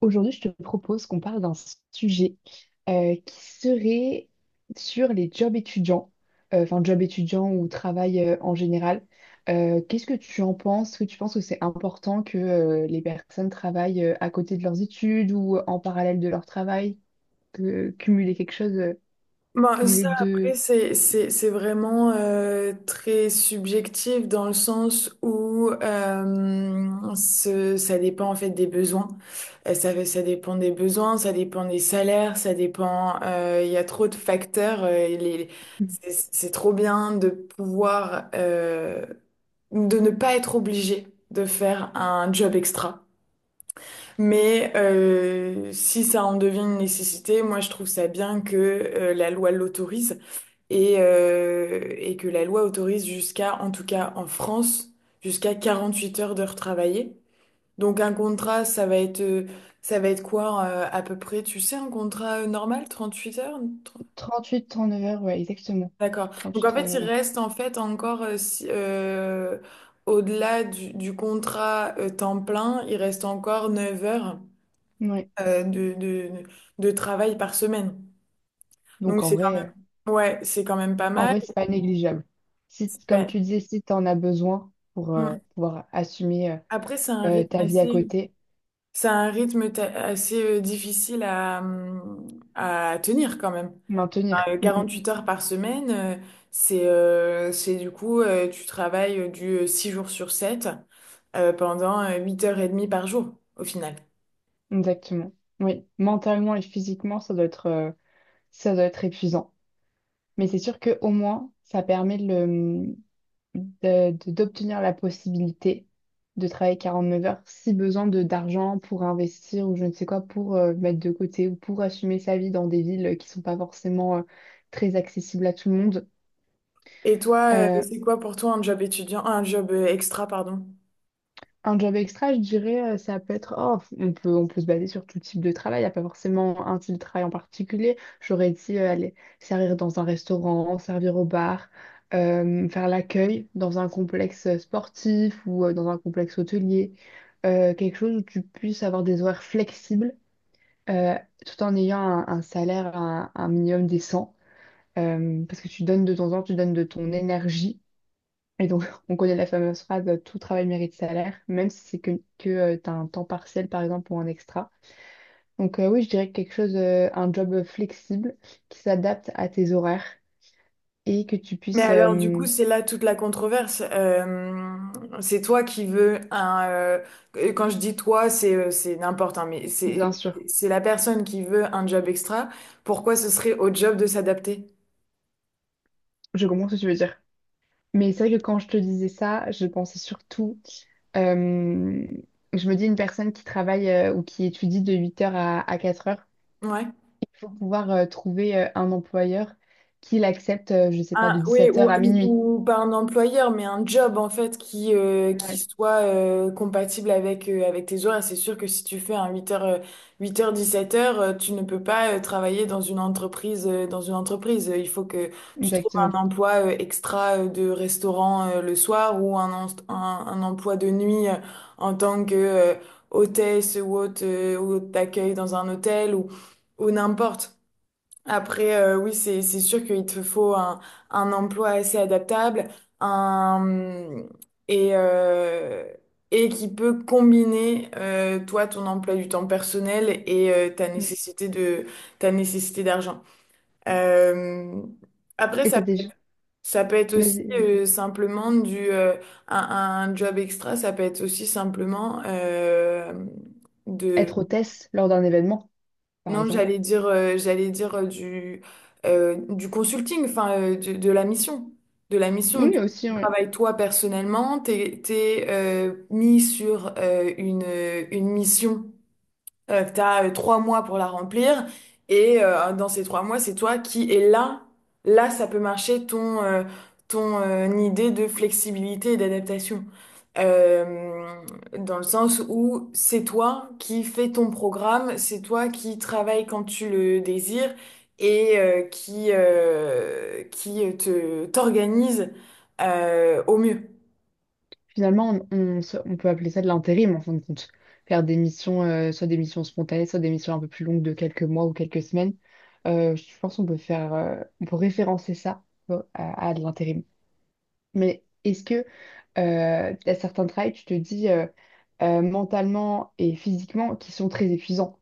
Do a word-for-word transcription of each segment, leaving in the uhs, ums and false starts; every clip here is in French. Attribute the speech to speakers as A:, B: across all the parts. A: Aujourd'hui, je te propose qu'on parle d'un sujet euh, qui serait sur les jobs étudiants, euh, enfin jobs étudiants ou travail euh, en général. Euh, qu'est-ce que tu en penses? Est-ce que tu penses que c'est important que euh, les personnes travaillent euh, à côté de leurs études ou en parallèle de leur travail, que cumuler quelque chose, euh,
B: Ben,
A: cumuler
B: ça, après,
A: de
B: c'est, c'est, c'est vraiment euh, très subjectif dans le sens où euh, ce- ça dépend en fait des besoins. Euh, ça, fait- ça dépend des besoins, ça dépend des salaires, ça dépend. euh, Il y a trop de facteurs. euh, et les- c'est c'est trop bien de pouvoir euh, de ne pas être obligé de faire un job extra. Mais euh, si ça en devient une nécessité, moi je trouve ça bien que euh, la loi l'autorise et, euh, et que la loi autorise jusqu'à, en tout cas en France, jusqu'à quarante-huit heures de retravaillé. Donc un contrat, ça va être, euh, ça va être quoi euh, à peu près, tu sais, un contrat euh, normal, huit heures? Tr-
A: trente-huit trente-neuf heures, ouais, exactement.
B: D'accord. Donc
A: Trente-huit,
B: en fait,
A: trente-neuf
B: il
A: heures.
B: reste en fait encore, euh, si- euh, au-delà du, du contrat euh, temps plein, il reste encore neuf heures
A: Ouais.
B: euh, de, de, de travail par semaine. Donc
A: Donc en
B: c'est quand
A: vrai. euh,
B: même, ouais, c'est quand même pas
A: En
B: mal.
A: vrai, c'est pas négligeable. Si,
B: C'est
A: t- comme
B: pas-
A: tu disais, si tu en as besoin pour euh,
B: Hmm.
A: pouvoir assumer euh,
B: Après, c'est un
A: euh,
B: rythme
A: ta vie à
B: assez,
A: côté,
B: c'est un rythme ta- assez euh, difficile à, hum, à tenir quand même.
A: maintenir.
B: Euh,
A: Mm,
B: Huit heures par semaine, euh, c'est euh, c'est du coup, euh, tu travailles euh, du euh, six jours sur sept euh, pendant euh, huit heures et demie par jour au final.
A: mm, exactement. Oui, mentalement et physiquement, ça doit être, euh, ça doit être épuisant. Mais c'est sûr que au moins, ça permet de le- de- de- d'obtenir la possibilité de travailler quarante-neuf heures si besoin de d'argent pour investir ou je ne sais quoi, pour euh, mettre de côté ou pour assumer sa vie dans des villes qui sont pas forcément euh, très accessibles à tout le monde.
B: Et toi, euh,
A: Euh,
B: c'est quoi pour toi un job étudiant, un job euh, extra, pardon?
A: Un job extra, je dirais, euh, ça peut être, oh, on peut, on peut se baser sur tout type de travail, il n'y a pas forcément un type de travail en particulier. J'aurais dit euh, aller servir dans un restaurant, servir au bar, euh, faire l'accueil dans un complexe euh, sportif ou euh, dans un complexe hôtelier. Euh, quelque chose où tu puisses avoir des horaires flexibles, euh, tout en ayant un, un salaire, un, un minimum décent. Euh, parce que tu donnes de ton temps, tu donnes de ton énergie. Et donc, on connaît la fameuse phrase euh, tout travail mérite salaire, même si c'est que, que tu as un temps partiel, par exemple, ou un extra. Donc, euh, oui, je dirais que quelque chose, euh, un job flexible qui s'adapte à tes horaires et que tu
B: Mais
A: puisses,
B: alors, du
A: euh,
B: coup, c'est là toute la controverse. Euh, c'est toi qui veux un. euh, et quand je dis toi, c'est euh, c'est n'importe, hein, mais c'est
A: bien sûr,
B: c'est la personne qui veut un job extra. Pourquoi ce serait au job de s'adapter?
A: je comprends ce que tu veux dire. Mais c'est vrai que quand je te disais ça, je pensais surtout, euh, je me dis une personne qui travaille euh, ou qui étudie de huit heures à, à quatre heures,
B: Ouais.
A: il faut pouvoir euh, trouver euh, un employeur qui l'accepte, euh, je sais pas,
B: Ah,
A: de
B: oui,
A: dix-sept
B: ou,
A: heures à minuit.
B: ou- ou pas un employeur, mais un job en fait qui, euh, qui
A: Ouais,
B: soit euh, compatible avec, euh, avec tes horaires. C'est sûr que si tu fais un huit heures, huit heures, dix-sept heures, tu ne peux pas euh, travailler dans une entreprise, euh, dans une entreprise. Il faut que tu trouves un
A: exactement.
B: emploi euh, extra euh, de restaurant euh, le soir ou un, en- un, un emploi de nuit euh, en tant que euh, hôtesse ou hôte, euh, ou hôte d'accueil dans un hôtel ou, ou n'importe. Après, euh, oui, c'est c'est sûr qu'il te faut un, un emploi assez adaptable, un et euh, et qui peut combiner euh, toi ton emploi du temps personnel et euh, ta
A: Mm.
B: nécessité de ta nécessité d'argent. Euh, Après,
A: Et t'as
B: ça peut,
A: déjà...
B: ça peut être aussi
A: vas-y, euh,
B: euh, simplement du euh, un, un job extra. Ça peut être aussi simplement euh, de,
A: Être hôtesse lors d'un événement, par
B: non,
A: exemple.
B: j'allais dire, euh, j'allais dire euh, du, euh, du consulting, enfin, euh, du- de, la mission. De la mission.
A: Oui,
B: Tu
A: aussi, oui.
B: travailles toi personnellement, t'es, t'es, euh, mis sur euh, une, une mission euh, que tu as trois mois pour la remplir. Et euh, dans ces trois mois, c'est toi qui est là. Là, ça peut marcher ton, euh, ton euh, idée de flexibilité et d'adaptation. Euh, Dans le sens où c'est toi qui fais ton programme, c'est toi qui travaille quand tu le désires et euh, qui, euh, qui te, t'organise euh, au mieux.
A: Finalement, on, on se- on peut appeler ça de l'intérim, en fin de compte. Faire des missions, euh, soit des missions spontanées, soit des missions un peu plus longues de quelques mois ou quelques semaines. Euh, je pense qu'on peut faire, euh, on peut référencer ça tu vois, à, à de l'intérim. Mais est-ce que euh, t'as certains travails, tu te dis euh, euh, mentalement et physiquement, qui sont très épuisants?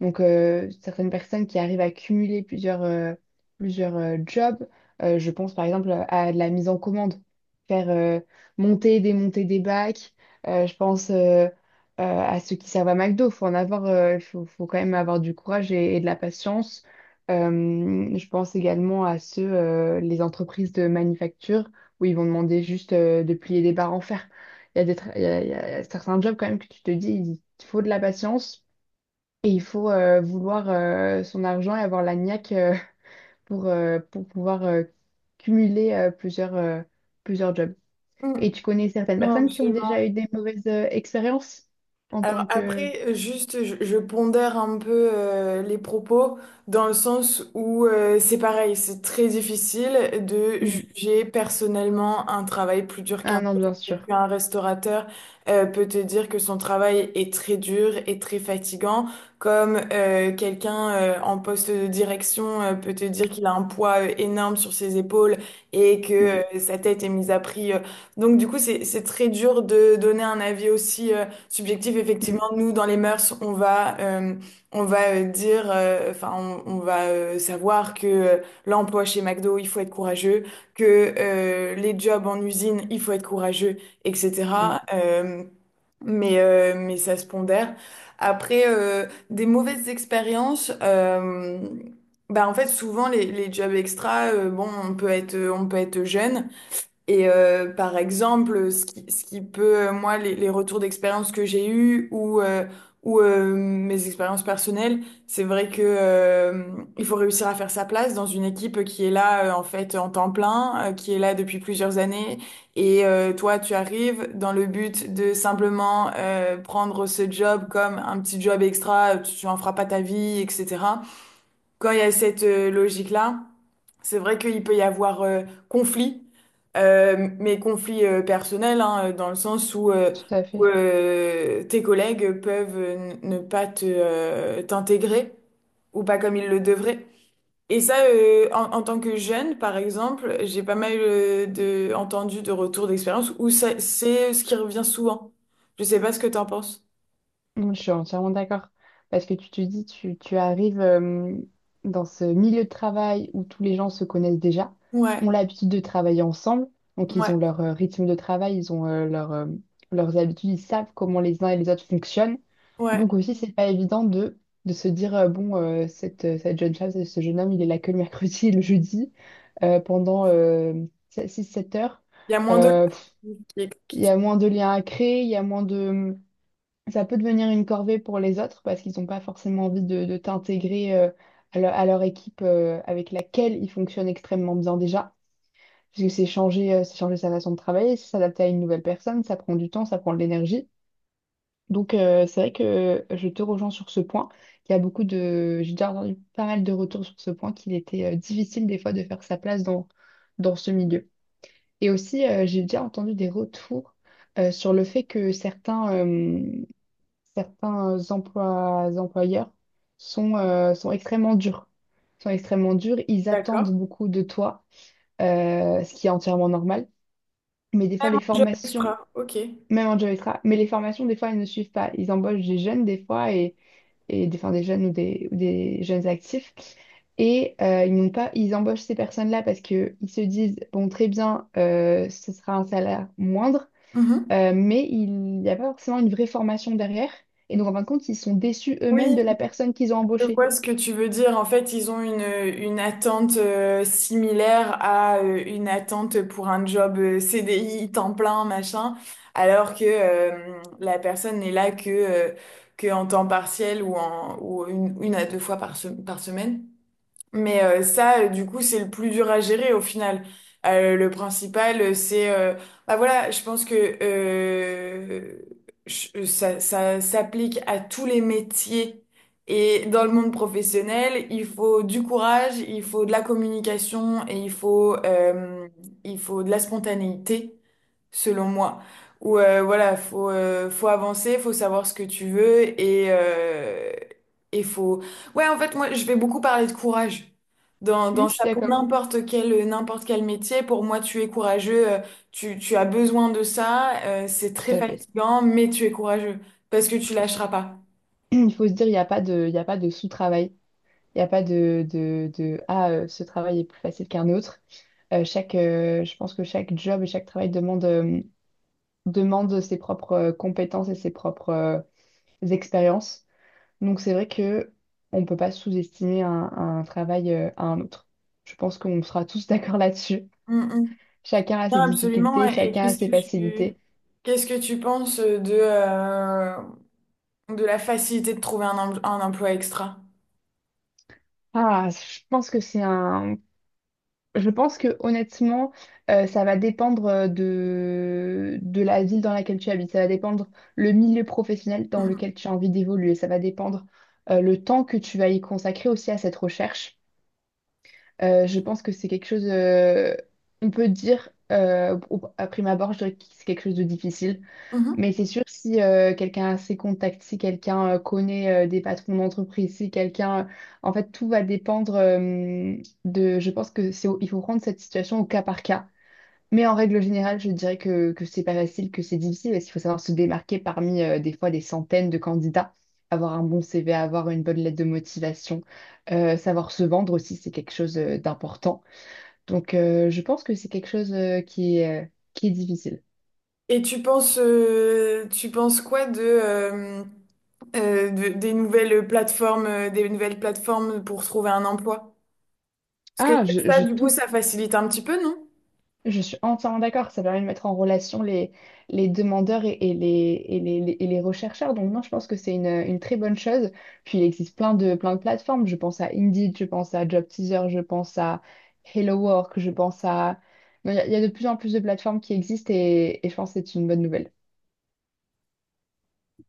A: Donc, euh, certaines personnes qui arrivent à cumuler plusieurs, euh, plusieurs euh, jobs. Euh, je pense par exemple à de la mise en commande, faire euh, monter et démonter des bacs. Euh, je pense euh, euh, à ceux qui servent à McDo. Faut en avoir, euh, faut, faut quand même avoir du courage et, et de la patience. Euh, je pense également à ceux, euh, les entreprises de manufacture où ils vont demander juste euh, de plier des barres en fer. Il y a des tra- il y a- Il y a certains jobs quand même que tu te dis, il faut de la patience. Et il faut euh, vouloir euh, son argent et avoir la niaque euh, pour, euh, pour pouvoir euh, cumuler euh, plusieurs, euh, plusieurs jobs. Et
B: Mm.
A: tu connais certaines
B: Non,
A: personnes qui ont déjà
B: absolument.
A: eu des mauvaises euh, expériences en
B: Alors
A: tant que...
B: après, euh, juste, je, je pondère un peu euh, les propos dans le sens où euh, c'est pareil, c'est très difficile de
A: Mm.
B: juger personnellement un travail plus dur qu'un
A: Ah non,
B: autre.
A: bien
B: Peut-être
A: sûr.
B: qu'un restaurateur euh, peut te dire que son travail est très dur et très fatigant, comme euh, quelqu'un euh, en poste de direction euh, peut te dire qu'il a un poids euh, énorme sur ses épaules et que
A: Mm,
B: euh, sa tête est mise à prix. euh. Donc du coup, c'est c'est très dur de donner un avis aussi. euh, Subjectif, effectivement, nous, dans les mœurs, on va, euh, on va euh, dire, euh, enfin, on, on va euh, savoir que euh, l'emploi chez McDo, il faut être courageux, que euh, les jobs en usine, il faut être courageux,
A: mm,
B: et cetera.
A: mm.
B: Euh, mais, euh, mais ça se pondère. Après, euh, des mauvaises expériences, euh, bah, en fait, souvent, les, les jobs extra, euh, bon, on peut être, on peut être jeune. Et euh, par exemple, ce qui, ce qui peut, euh, moi, les, les retours d'expérience que j'ai eus ou, euh, ou euh, mes expériences personnelles, c'est vrai que euh, il faut réussir à faire sa place dans une équipe qui est là, euh, en fait, en temps plein, euh, qui est là depuis plusieurs années. Et euh, toi, tu arrives dans le but de simplement euh, prendre ce job comme un petit job extra, tu, tu en feras pas ta vie, etc. Quand il y a cette euh, logique-là, c'est vrai qu'il peut y avoir euh, conflit, euh, mais conflit euh, personnel, hein, euh, dans le sens où, euh,
A: Tout à
B: où,
A: fait.
B: euh, tes collègues peuvent euh, n- ne pas te, euh, t'intégrer ou pas comme ils le devraient. Et ça, euh, en, en tant que jeune, par exemple, j'ai pas mal euh, de, entendu de retours d'expérience où ça- c'est ce qui revient souvent. Je sais pas ce que t'en penses.
A: Mm, je suis entièrement d'accord. Parce que tu te dis, tu, tu arrives euh, dans ce milieu de travail où tous les gens se connaissent déjà,
B: Ouais,
A: ont l'habitude de travailler ensemble, donc ils
B: ouais,
A: ont leur euh, rythme de travail, ils ont euh, leur, euh, leurs habitudes, ils savent comment les uns et les autres fonctionnent.
B: ouais.
A: Donc aussi, c'est pas évident de, de se dire, euh, bon, euh, cette, euh, cette jeune femme, ce ce jeune homme, il est là que le mercredi et le jeudi euh, pendant euh, six sept heures.
B: Il y a moins de...
A: Euh, pff, Il y a moins de liens à créer, il y a moins de ça peut devenir une corvée pour les autres parce qu'ils n'ont pas forcément envie de, de t'intégrer euh, à, leur à leur équipe euh, avec laquelle ils fonctionnent extrêmement bien déjà. Parce que c'est changer, euh, c'est changer sa façon de travailler, c'est s'adapter à une nouvelle personne, ça prend du temps, ça prend de l'énergie. Donc euh, c'est vrai que je te rejoins sur ce point. Il y a beaucoup de... J'ai déjà entendu pas mal de retours sur ce point qu'il était euh, difficile des fois de faire sa place dans, dans ce milieu. Et aussi, euh, j'ai déjà entendu des retours euh, sur le fait que certains... euh, certains emplois, employeurs sont, euh, sont extrêmement durs. Sont extrêmement durs. Ils
B: D'accord.
A: attendent beaucoup de toi, euh, ce qui est entièrement normal. Mais des
B: Moins
A: fois, les
B: de jobs
A: formations,
B: extra, ok.
A: même en job extra, mais les formations, des fois, elles ne suivent pas. Ils embauchent des jeunes, des fois, et, et des, enfin, des jeunes ou des, ou des jeunes actifs. Et euh, ils n'ont pas, ils embauchent ces personnes-là parce qu'ils se disent, bon, très bien, euh, ce sera un salaire moindre.
B: Mhm.
A: Euh, mais il n'y a pas forcément une vraie formation derrière. Et donc, en fin de compte, ils sont déçus eux-mêmes
B: Oui,
A: de la personne qu'ils ont
B: je
A: embauchée.
B: vois ce que tu veux dire. En fait, ils ont une, une attente euh, similaire à euh, une attente pour un job euh, C D I, temps plein, machin, alors que euh, la personne n'est là que, euh, que en temps partiel ou, en, ou une, une à deux fois par, se- par semaine. Mais euh, ça, euh, du coup, c'est le plus dur à gérer au final. Euh, le principal, euh, c'est... euh, bah voilà, je pense que euh, je- ça, ça s'applique à tous les métiers. Et dans le monde professionnel, il faut du courage, il faut de la communication et il faut, euh, il faut de la spontanéité selon moi. Où euh, voilà, faut euh, faut avancer, faut savoir ce que tu veux et euh, et faut. Ouais, en fait, moi, je vais beaucoup parler de courage. Dans, dans
A: Non, je suis
B: ça, pour
A: d'accord.
B: n'importe quel, n'importe quel métier, pour moi, tu es courageux, euh, tu, tu as besoin de ça, euh, c'est très
A: Tout à fait.
B: fatigant, mais tu es courageux, parce que tu lâcheras pas.
A: Il faut se dire, il n'y a pas de, il y a pas de sous-travail. Il n'y a pas de, de, de ah, euh, ce travail est plus facile qu'un autre. Euh, chaque, euh, je pense que chaque job et chaque travail demande, euh, demande ses propres euh, compétences et ses propres euh, expériences. Donc, c'est vrai que on ne peut pas sous-estimer un, un travail euh, à un autre. Je pense qu'on sera tous d'accord là-dessus.
B: Mm, mm.
A: Chacun a
B: Non,
A: ses
B: absolument.
A: difficultés,
B: Et
A: chacun a
B: qu'est-ce
A: ses
B: que tu,
A: facilités.
B: qu'est-ce que tu penses de, euh, de la facilité de trouver un, em- un emploi extra?
A: Ah, je pense que c'est un. Je pense que honnêtement, euh, ça va dépendre euh, de... de la ville dans laquelle tu habites. Ça va dépendre le milieu professionnel dans
B: Mhm.
A: lequel tu as envie d'évoluer. Ça va dépendre euh, le temps que tu vas y consacrer aussi à cette recherche. Euh, je pense que c'est quelque chose. euh, On peut dire, euh, au- à prime abord, je dirais que c'est quelque chose de difficile.
B: Mhm.
A: Mais c'est sûr, si euh, quelqu'un a ses contacts, si quelqu'un euh, connaît euh, des patrons d'entreprise, si quelqu'un... euh, en fait, tout va dépendre euh, de... Je pense que c'est au- il faut prendre cette situation au cas par cas. Mais en règle générale, je dirais que, que c'est pas facile, que c'est difficile, parce qu'il faut savoir se démarquer parmi euh, des fois des centaines de candidats, avoir un bon C V, avoir une bonne lettre de motivation, euh, savoir se vendre aussi, c'est quelque chose euh, d'important. Donc, euh, je pense que c'est quelque chose euh, qui est, euh, qui est difficile.
B: Et tu penses, euh, tu penses quoi de, euh, euh, de- des nouvelles plateformes, euh, des nouvelles plateformes pour trouver un emploi? Parce que
A: Ah, je,
B: ça,
A: je
B: du coup, ça
A: touche
B: facilite un petit peu, non?
A: je suis entièrement d'accord, ça permet de mettre en relation les, les demandeurs et, et les, et les, les- et les rechercheurs. Donc non, je pense que c'est une, une très bonne chose. Puis il existe plein de, plein de plateformes. Je pense à Indeed, je pense à Job Teaser, je pense à Hello Work, je pense à... Non, Il y, a il y a de plus en plus de plateformes qui existent et, et je pense que c'est une bonne nouvelle.